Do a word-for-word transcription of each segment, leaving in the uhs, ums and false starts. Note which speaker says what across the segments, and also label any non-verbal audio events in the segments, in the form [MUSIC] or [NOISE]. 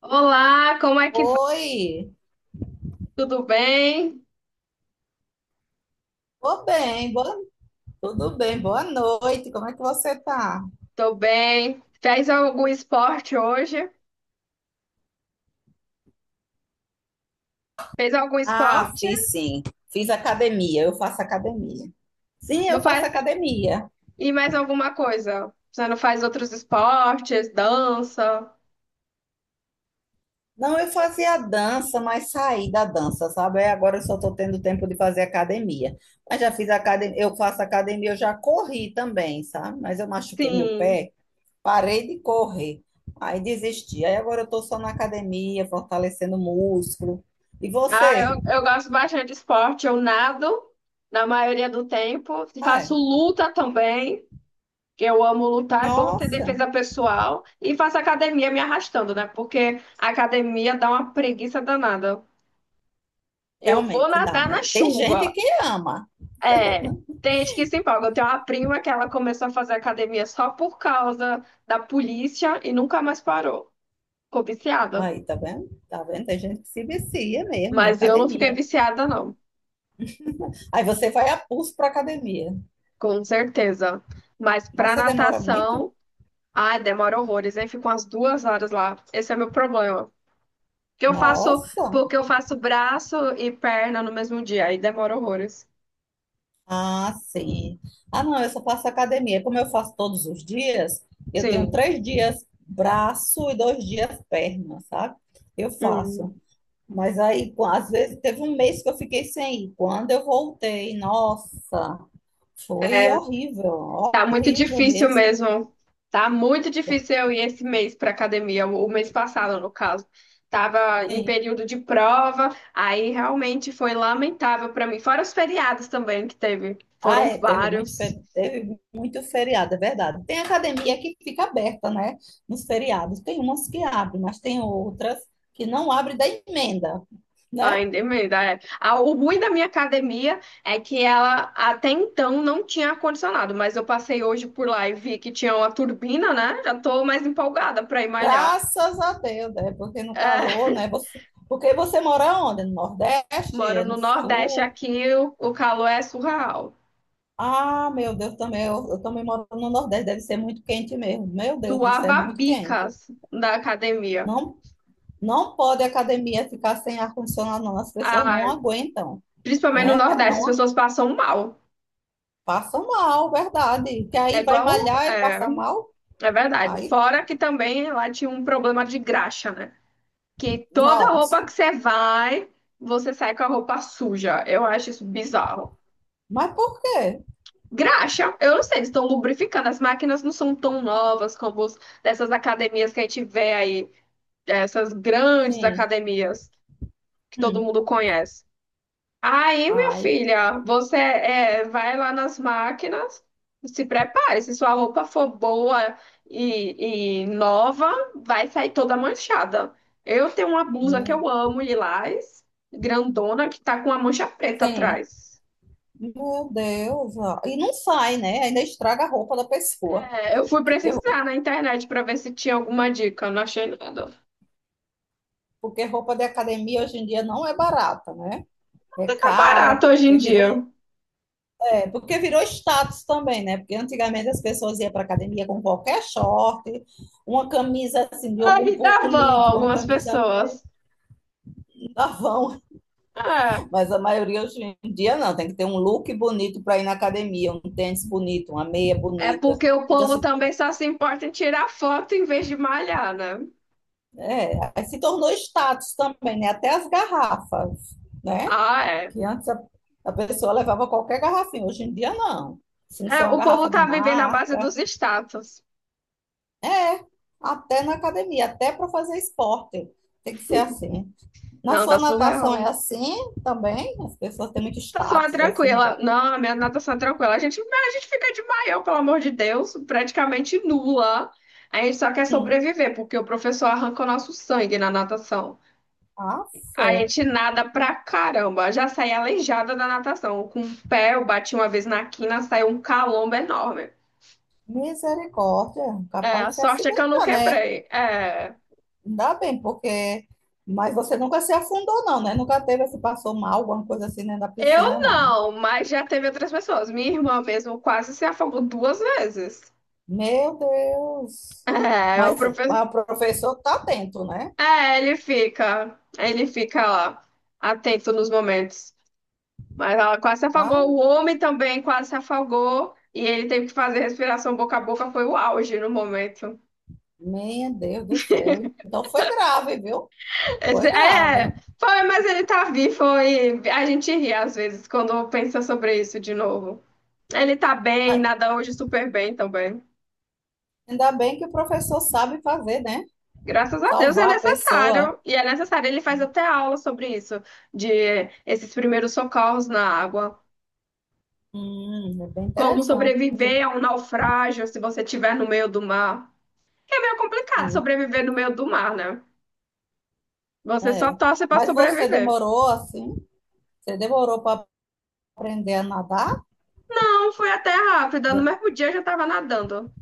Speaker 1: Olá, como é que vai?
Speaker 2: Oi,
Speaker 1: Tudo bem?
Speaker 2: tô bem, boa- tudo bem, boa noite, como é que você tá?
Speaker 1: Tô bem. Fez algum esporte hoje? Fez algum
Speaker 2: Ah,
Speaker 1: esporte?
Speaker 2: fiz sim, fiz academia, eu faço academia. Sim,
Speaker 1: Não
Speaker 2: eu faço
Speaker 1: faz?
Speaker 2: academia.
Speaker 1: E mais alguma coisa? Você não faz outros esportes? Dança?
Speaker 2: Não, eu fazia dança, mas saí da dança, sabe? Aí agora eu só tô tendo tempo de fazer academia. Mas já fiz academia, eu faço academia, eu já corri também, sabe? Mas eu machuquei meu
Speaker 1: Sim.
Speaker 2: pé, parei de correr, aí desisti. Aí agora eu tô só na academia, fortalecendo o músculo. E
Speaker 1: Ah,
Speaker 2: você?
Speaker 1: eu, eu gosto bastante de esporte. Eu nado na maioria do tempo. Faço
Speaker 2: Ai,
Speaker 1: luta também. Que Eu amo lutar, é bom ter
Speaker 2: nossa!
Speaker 1: defesa pessoal. E faço academia me arrastando, né? Porque a academia dá uma preguiça danada. Eu vou
Speaker 2: Realmente dá,
Speaker 1: nadar
Speaker 2: né?
Speaker 1: na
Speaker 2: Tem gente
Speaker 1: chuva.
Speaker 2: que ama.
Speaker 1: É, tem gente que se empolga. Eu tenho uma prima que ela começou a fazer academia só por causa da polícia e nunca mais parou. Ficou viciada.
Speaker 2: Aí, tá vendo? Tá vendo? Tem gente que se vicia mesmo em
Speaker 1: Mas eu não fiquei
Speaker 2: academia.
Speaker 1: viciada, não,
Speaker 2: Aí você vai a pulso para academia.
Speaker 1: com certeza. Mas
Speaker 2: Mas
Speaker 1: pra
Speaker 2: você demora muito?
Speaker 1: natação, ai, demora horrores, aí fico umas duas horas lá. Esse é meu problema. Que eu faço,
Speaker 2: Nossa!
Speaker 1: porque eu faço braço e perna no mesmo dia, aí demora horrores.
Speaker 2: Ah, sim. Ah, não, eu só faço academia. Como eu faço todos os dias, eu tenho
Speaker 1: Sim.
Speaker 2: três dias braço e dois dias perna, sabe? Eu faço.
Speaker 1: Hum.
Speaker 2: Mas aí, com- às vezes, teve um mês que eu fiquei sem ir. Quando eu voltei, nossa, foi horrível,
Speaker 1: Tá muito
Speaker 2: horrível
Speaker 1: difícil
Speaker 2: mesmo.
Speaker 1: mesmo. Tá muito difícil eu ir esse mês pra academia, o o mês passado, no caso. Tava em
Speaker 2: Sim.
Speaker 1: período de prova, aí realmente foi lamentável pra mim. Fora os feriados também que teve,
Speaker 2: Ah,
Speaker 1: foram
Speaker 2: é, teve muito,
Speaker 1: vários.
Speaker 2: fe- teve muito feriado, é verdade. Tem academia que fica aberta, né? Nos feriados. Tem umas que abrem, mas tem outras que não abrem da emenda, né?
Speaker 1: Ainda emenda, é. Ah, o ruim da minha academia é que ela até então não tinha ar-condicionado, mas eu passei hoje por lá e vi que tinha uma turbina, né? Já tô mais empolgada pra ir malhar.
Speaker 2: Graças a Deus, né? Porque no
Speaker 1: É,
Speaker 2: calor,
Speaker 1: [LAUGHS]
Speaker 2: né? Você, porque você mora onde? No Nordeste?
Speaker 1: moro
Speaker 2: É
Speaker 1: no
Speaker 2: no
Speaker 1: Nordeste
Speaker 2: Sul?
Speaker 1: aqui, o o calor é surreal.
Speaker 2: Ah, meu Deus, também eu, eu também moro no Nordeste, deve ser muito quente mesmo. Meu Deus do céu, é
Speaker 1: Suava
Speaker 2: muito quente.
Speaker 1: bicas na academia.
Speaker 2: Não, não pode a academia ficar sem ar-condicionado, não. As pessoas não
Speaker 1: Ah,
Speaker 2: aguentam,
Speaker 1: principalmente no
Speaker 2: né?
Speaker 1: Nordeste, as
Speaker 2: Não
Speaker 1: pessoas passam mal.
Speaker 2: passa mal, verdade. Que
Speaker 1: É
Speaker 2: aí vai
Speaker 1: igual,
Speaker 2: malhar e
Speaker 1: é,
Speaker 2: passa mal.
Speaker 1: é verdade.
Speaker 2: Aí,
Speaker 1: Fora que também lá tinha um problema de graxa, né? Que toda roupa
Speaker 2: nossa.
Speaker 1: que você vai, você sai com a roupa suja. Eu acho isso bizarro.
Speaker 2: Mas por quê?
Speaker 1: Graxa, eu não sei, eles estão lubrificando. As máquinas não são tão novas como os, dessas academias que a gente vê aí, essas grandes
Speaker 2: Sim.
Speaker 1: academias que todo
Speaker 2: Hum.
Speaker 1: mundo conhece. Aí, minha
Speaker 2: Ai,
Speaker 1: filha, você é, vai lá nas máquinas, se prepare. Se sua roupa for boa e, e nova, vai sair toda manchada. Eu tenho uma blusa que
Speaker 2: hum.
Speaker 1: eu amo, lilás, grandona, que tá com uma mancha preta
Speaker 2: Sim.
Speaker 1: atrás.
Speaker 2: Meu Deus, ó. E não sai, né? Ainda estraga a roupa da pessoa.
Speaker 1: É, eu fui
Speaker 2: Que eu-
Speaker 1: pesquisar na internet para ver se tinha alguma dica, não achei nada.
Speaker 2: Porque roupa de academia hoje em dia não é barata, né? É
Speaker 1: Tá barato
Speaker 2: cara,
Speaker 1: hoje em
Speaker 2: porque virou,
Speaker 1: dia.
Speaker 2: é, porque virou status também, né? Porque antigamente as pessoas iam para academia com qualquer short, uma camisa assim de algum
Speaker 1: Aí dá vão
Speaker 2: político, uma
Speaker 1: algumas
Speaker 2: camisa
Speaker 1: pessoas.
Speaker 2: da Avon.
Speaker 1: É.
Speaker 2: Mas a maioria hoje em dia não, tem que ter um look bonito para ir na academia, um tênis bonito, uma meia
Speaker 1: É
Speaker 2: bonita.
Speaker 1: porque o
Speaker 2: Então,
Speaker 1: povo
Speaker 2: se,
Speaker 1: também só se importa em tirar foto em vez de malhar, né?
Speaker 2: é, se tornou status também, né? Até as garrafas, né?
Speaker 1: Ah, é.
Speaker 2: Que antes a, a pessoa levava qualquer garrafinha, hoje em dia não. Se não
Speaker 1: É,
Speaker 2: ser uma
Speaker 1: o povo
Speaker 2: garrafa de
Speaker 1: tá vivendo à base
Speaker 2: marca,
Speaker 1: dos status.
Speaker 2: é, até na academia, até para fazer esporte. Tem que ser assim. Na
Speaker 1: Não, tá
Speaker 2: sua natação é
Speaker 1: surreal.
Speaker 2: assim também? As pessoas têm muito
Speaker 1: Natação é
Speaker 2: status, assim, muita
Speaker 1: tranquila.
Speaker 2: coisa.
Speaker 1: Não, a minha natação é tranquila. A gente, a gente fica de maiô, pelo amor de Deus, praticamente nula. A gente só quer
Speaker 2: Hum.
Speaker 1: sobreviver, porque o professor arranca o nosso sangue na natação.
Speaker 2: Ah,
Speaker 1: A
Speaker 2: fé.
Speaker 1: gente nada pra caramba. Já saí aleijada da natação. Com o pé, eu bati uma vez na quina, saiu um calombo enorme.
Speaker 2: Misericórdia,
Speaker 1: É,
Speaker 2: capaz
Speaker 1: a
Speaker 2: de se
Speaker 1: sorte é que eu não
Speaker 2: acidentar, né?
Speaker 1: quebrei. É,
Speaker 2: Ainda bem, porque. Mas você nunca se afundou, não, né? Nunca teve, se passou mal, alguma coisa assim dentro da
Speaker 1: eu
Speaker 2: piscina, não, né?
Speaker 1: não, mas já teve outras pessoas. Minha irmã mesmo quase se afogou duas vezes.
Speaker 2: Meu Deus!
Speaker 1: É, é o
Speaker 2: Mas o
Speaker 1: professor.
Speaker 2: mas o professor tá atento, né?
Speaker 1: É, ele fica. Ele fica lá, atento nos momentos. Mas ela quase se afogou.
Speaker 2: Ai,
Speaker 1: O homem também quase se afogou. E ele teve que fazer respiração boca a boca. Foi o auge no momento.
Speaker 2: meu Deus do céu. Então foi grave, viu? Foi
Speaker 1: Esse-
Speaker 2: grave.
Speaker 1: é, foi, mas ele tá vivo. Foi. A gente ri às vezes quando pensa sobre isso de novo. Ele tá bem,
Speaker 2: Mas
Speaker 1: nada hoje super bem também.
Speaker 2: ainda bem que o professor sabe fazer, né?
Speaker 1: Graças a Deus é
Speaker 2: Salvar a pessoa.
Speaker 1: necessário, e é necessário. Ele faz até aula sobre isso, de esses primeiros socorros na água,
Speaker 2: Hum, é bem
Speaker 1: como
Speaker 2: interessante.
Speaker 1: sobreviver a um naufrágio se você estiver no meio do mar. É meio complicado
Speaker 2: Sim,
Speaker 1: sobreviver no meio do mar, né? Você só
Speaker 2: é.
Speaker 1: torce para
Speaker 2: Mas você
Speaker 1: sobreviver.
Speaker 2: demorou assim? Você demorou para aprender a nadar,
Speaker 1: Não, foi até rápida, no mesmo dia eu já estava nadando.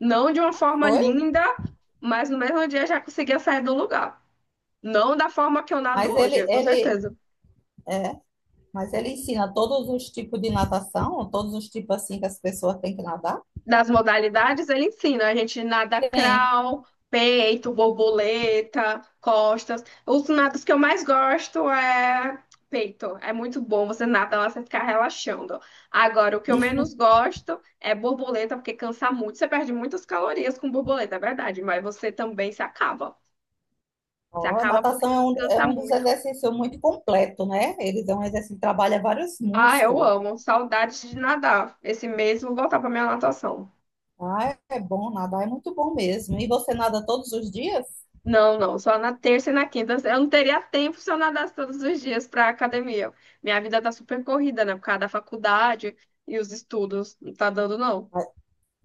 Speaker 1: Não de uma forma
Speaker 2: foi,
Speaker 1: linda, mas no mesmo dia eu já conseguia sair do lugar. Não da forma que eu nado
Speaker 2: mas ele,
Speaker 1: hoje, com
Speaker 2: ele,
Speaker 1: certeza.
Speaker 2: é, mas ele ensina todos os tipos de natação, todos os tipos assim que as pessoas têm que nadar.
Speaker 1: Das modalidades, ele ensina a gente nada
Speaker 2: Sim.
Speaker 1: crawl, peito, borboleta, costas. Os nados que eu mais gosto é peito. É muito bom, você nada lá, você ficar relaxando. Agora, o que eu menos gosto é borboleta, porque cansa muito. Você perde muitas calorias com borboleta, é verdade, mas você também se acaba. Se
Speaker 2: Ó,
Speaker 1: acaba porque
Speaker 2: natação é
Speaker 1: ele
Speaker 2: um, é
Speaker 1: cansa
Speaker 2: um dos
Speaker 1: muito.
Speaker 2: exercícios muito completo, né? Eles é um exercício que trabalha vários
Speaker 1: Ah, eu
Speaker 2: músculos.
Speaker 1: amo. Saudades de nadar. Esse mês eu vou voltar para minha natação.
Speaker 2: Ah, é bom nadar, é muito bom mesmo. E você nada todos os dias?
Speaker 1: Não, não, só na terça e na quinta. Eu não teria tempo se eu nadasse todos os dias para academia. Minha vida tá super corrida, né? Por causa da faculdade e os estudos. Não tá dando, não.
Speaker 2: Mas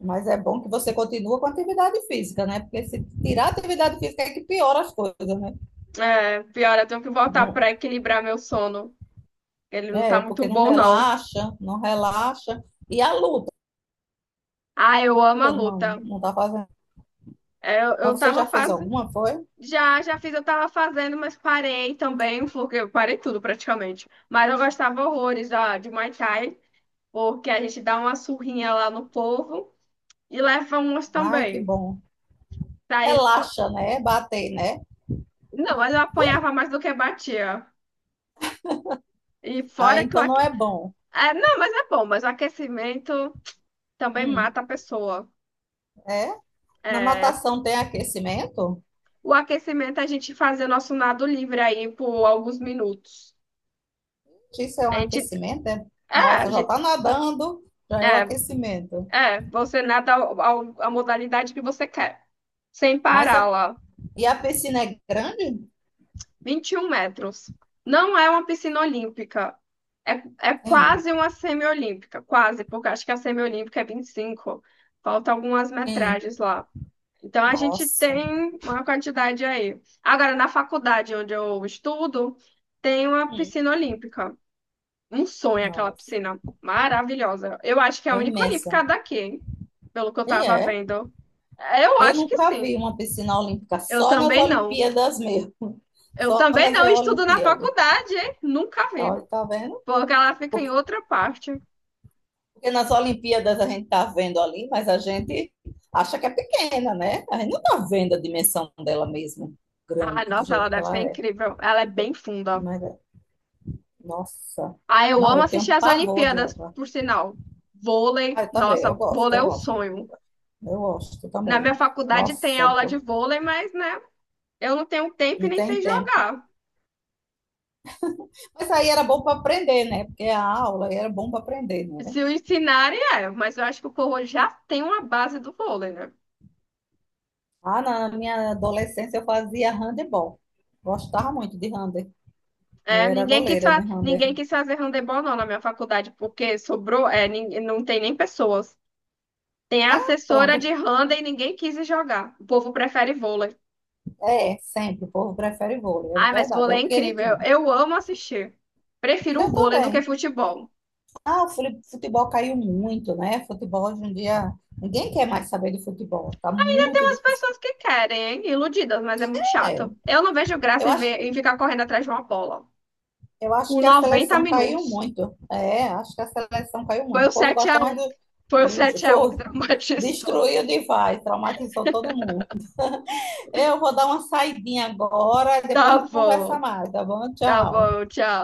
Speaker 2: mas é bom que você continua com atividade física, né? Porque se tirar a atividade física é que piora as coisas, né?
Speaker 1: É, pior, eu tenho que voltar
Speaker 2: Não-
Speaker 1: para equilibrar meu sono. Ele não tá
Speaker 2: É,
Speaker 1: muito
Speaker 2: porque não
Speaker 1: bom, não.
Speaker 2: relaxa, não relaxa. E a luta,
Speaker 1: Ah, eu amo a
Speaker 2: não,
Speaker 1: luta.
Speaker 2: não tá fazendo.
Speaker 1: É, eu, eu
Speaker 2: Mas você
Speaker 1: tava
Speaker 2: já fez
Speaker 1: fazendo.
Speaker 2: alguma, foi?
Speaker 1: Já, já fiz, eu tava fazendo, mas parei também, porque eu parei tudo praticamente. Mas eu gostava horrores da, de Muay Thai, porque a gente dá uma surrinha lá no povo e leva umas
Speaker 2: Ai, que
Speaker 1: também.
Speaker 2: bom.
Speaker 1: Daí, espo-
Speaker 2: Relaxa, né? Bater, né?
Speaker 1: não, mas eu apanhava mais do que batia. E
Speaker 2: Ah,
Speaker 1: fora que o
Speaker 2: então não
Speaker 1: aque...
Speaker 2: é bom.
Speaker 1: é, não, mas é bom, mas o aquecimento também
Speaker 2: Hum,
Speaker 1: mata a pessoa.
Speaker 2: é? Na
Speaker 1: É,
Speaker 2: natação tem aquecimento?
Speaker 1: o aquecimento é a gente fazer o nosso nado livre aí por alguns minutos.
Speaker 2: Isso é um
Speaker 1: A gente,
Speaker 2: aquecimento, é?
Speaker 1: é, a
Speaker 2: Nossa, já
Speaker 1: gente-
Speaker 2: tá nadando, já é o
Speaker 1: é,
Speaker 2: aquecimento.
Speaker 1: é, você nada ao- ao- a modalidade que você quer, sem
Speaker 2: Mas
Speaker 1: parar
Speaker 2: a,
Speaker 1: lá.
Speaker 2: e a piscina é grande?
Speaker 1: Vinte e um metros. Não é uma piscina olímpica. É, é
Speaker 2: Sim,
Speaker 1: quase uma semiolímpica, quase, porque acho que a semiolímpica é vinte e cinco. Falta algumas
Speaker 2: sim.
Speaker 1: metragens lá. Então a gente
Speaker 2: Nossa.
Speaker 1: tem uma quantidade aí. Agora, na faculdade onde eu estudo, tem uma
Speaker 2: Hum.
Speaker 1: piscina olímpica. Um sonho aquela
Speaker 2: Nossa.
Speaker 1: piscina maravilhosa. Eu acho que é a
Speaker 2: É
Speaker 1: única olímpica
Speaker 2: imensa.
Speaker 1: daqui, hein? Pelo que eu
Speaker 2: E
Speaker 1: tava
Speaker 2: é.
Speaker 1: vendo. Eu
Speaker 2: Eu
Speaker 1: acho que
Speaker 2: nunca vi
Speaker 1: sim.
Speaker 2: uma piscina olímpica,
Speaker 1: Eu
Speaker 2: só nas
Speaker 1: também não.
Speaker 2: Olimpíadas mesmo. [LAUGHS]
Speaker 1: Eu
Speaker 2: Só
Speaker 1: também
Speaker 2: nas
Speaker 1: não estudo na
Speaker 2: Olimpíadas.
Speaker 1: faculdade, hein? Nunca vi.
Speaker 2: Olha, tá vendo?
Speaker 1: Porque ela fica em
Speaker 2: Porque,
Speaker 1: outra parte.
Speaker 2: porque nas Olimpíadas a gente tá vendo ali, mas a gente acha que é pequena, né? A gente não tá vendo a dimensão dela mesmo,
Speaker 1: Ai,
Speaker 2: grande, do
Speaker 1: nossa, ela
Speaker 2: jeito que
Speaker 1: deve
Speaker 2: ela
Speaker 1: ser
Speaker 2: é.
Speaker 1: incrível. Ela é bem funda.
Speaker 2: Mas, é- nossa,
Speaker 1: Ah, eu
Speaker 2: não,
Speaker 1: amo
Speaker 2: eu
Speaker 1: assistir
Speaker 2: tenho
Speaker 1: as
Speaker 2: pavor de
Speaker 1: Olimpíadas,
Speaker 2: água.
Speaker 1: por sinal. Vôlei,
Speaker 2: Ah, eu também,
Speaker 1: nossa,
Speaker 2: eu gosto,
Speaker 1: vôlei
Speaker 2: eu
Speaker 1: é um
Speaker 2: gosto, eu
Speaker 1: sonho.
Speaker 2: gosto, eu gosto
Speaker 1: Na minha
Speaker 2: também.
Speaker 1: faculdade tem
Speaker 2: Nossa,
Speaker 1: aula de
Speaker 2: go-
Speaker 1: vôlei, mas, né, eu não tenho tempo e
Speaker 2: não
Speaker 1: nem
Speaker 2: tem
Speaker 1: sei
Speaker 2: tempo.
Speaker 1: jogar.
Speaker 2: Mas aí era bom para aprender, né? Porque a aula aí era bom para aprender, né?
Speaker 1: Se o ensinarem, é, mas eu acho que o povo já tem uma base do vôlei, né?
Speaker 2: Ah, na minha adolescência eu fazia handebol. Gostava muito de handebol. Eu
Speaker 1: É,
Speaker 2: era
Speaker 1: ninguém quis,
Speaker 2: goleira de
Speaker 1: fa- ninguém
Speaker 2: handebol.
Speaker 1: quis fazer handebol, não, na minha faculdade, porque sobrou, é, nin- não tem nem pessoas. Tem a
Speaker 2: Ah,
Speaker 1: assessora de
Speaker 2: pronto.
Speaker 1: Handa e ninguém quis jogar. O povo prefere vôlei.
Speaker 2: É, sempre. O povo prefere vôlei.
Speaker 1: Ai,
Speaker 2: É
Speaker 1: mas
Speaker 2: verdade. É
Speaker 1: vôlei
Speaker 2: o
Speaker 1: é incrível.
Speaker 2: queridinho.
Speaker 1: Eu, eu amo assistir. Prefiro o
Speaker 2: Eu
Speaker 1: vôlei do que
Speaker 2: também.
Speaker 1: futebol.
Speaker 2: Ah, o fule- futebol caiu muito, né? Futebol hoje em dia. Ninguém quer mais saber de futebol. Tá
Speaker 1: E tem
Speaker 2: muito
Speaker 1: umas
Speaker 2: difícil.
Speaker 1: pessoas que querem, hein? Iludidas, mas é muito
Speaker 2: É,
Speaker 1: chato. Eu não vejo graça
Speaker 2: eu
Speaker 1: em, ver,
Speaker 2: acho,
Speaker 1: em ficar correndo atrás de uma bola.
Speaker 2: eu acho
Speaker 1: Por
Speaker 2: que a
Speaker 1: noventa
Speaker 2: seleção caiu
Speaker 1: minutos.
Speaker 2: muito. É, acho que a seleção caiu
Speaker 1: Foi
Speaker 2: muito. O
Speaker 1: o
Speaker 2: povo
Speaker 1: sete a
Speaker 2: gosta mais
Speaker 1: um,
Speaker 2: do.
Speaker 1: Foi o
Speaker 2: Do
Speaker 1: sete a um que
Speaker 2: foi, [LAUGHS]
Speaker 1: traumatizou.
Speaker 2: destruiu demais. Traumatizou todo mundo. Eu vou dar uma saidinha agora, depois a
Speaker 1: Tá
Speaker 2: gente conversa
Speaker 1: bom.
Speaker 2: mais, tá bom?
Speaker 1: Tá
Speaker 2: Tchau.
Speaker 1: bom, tchau.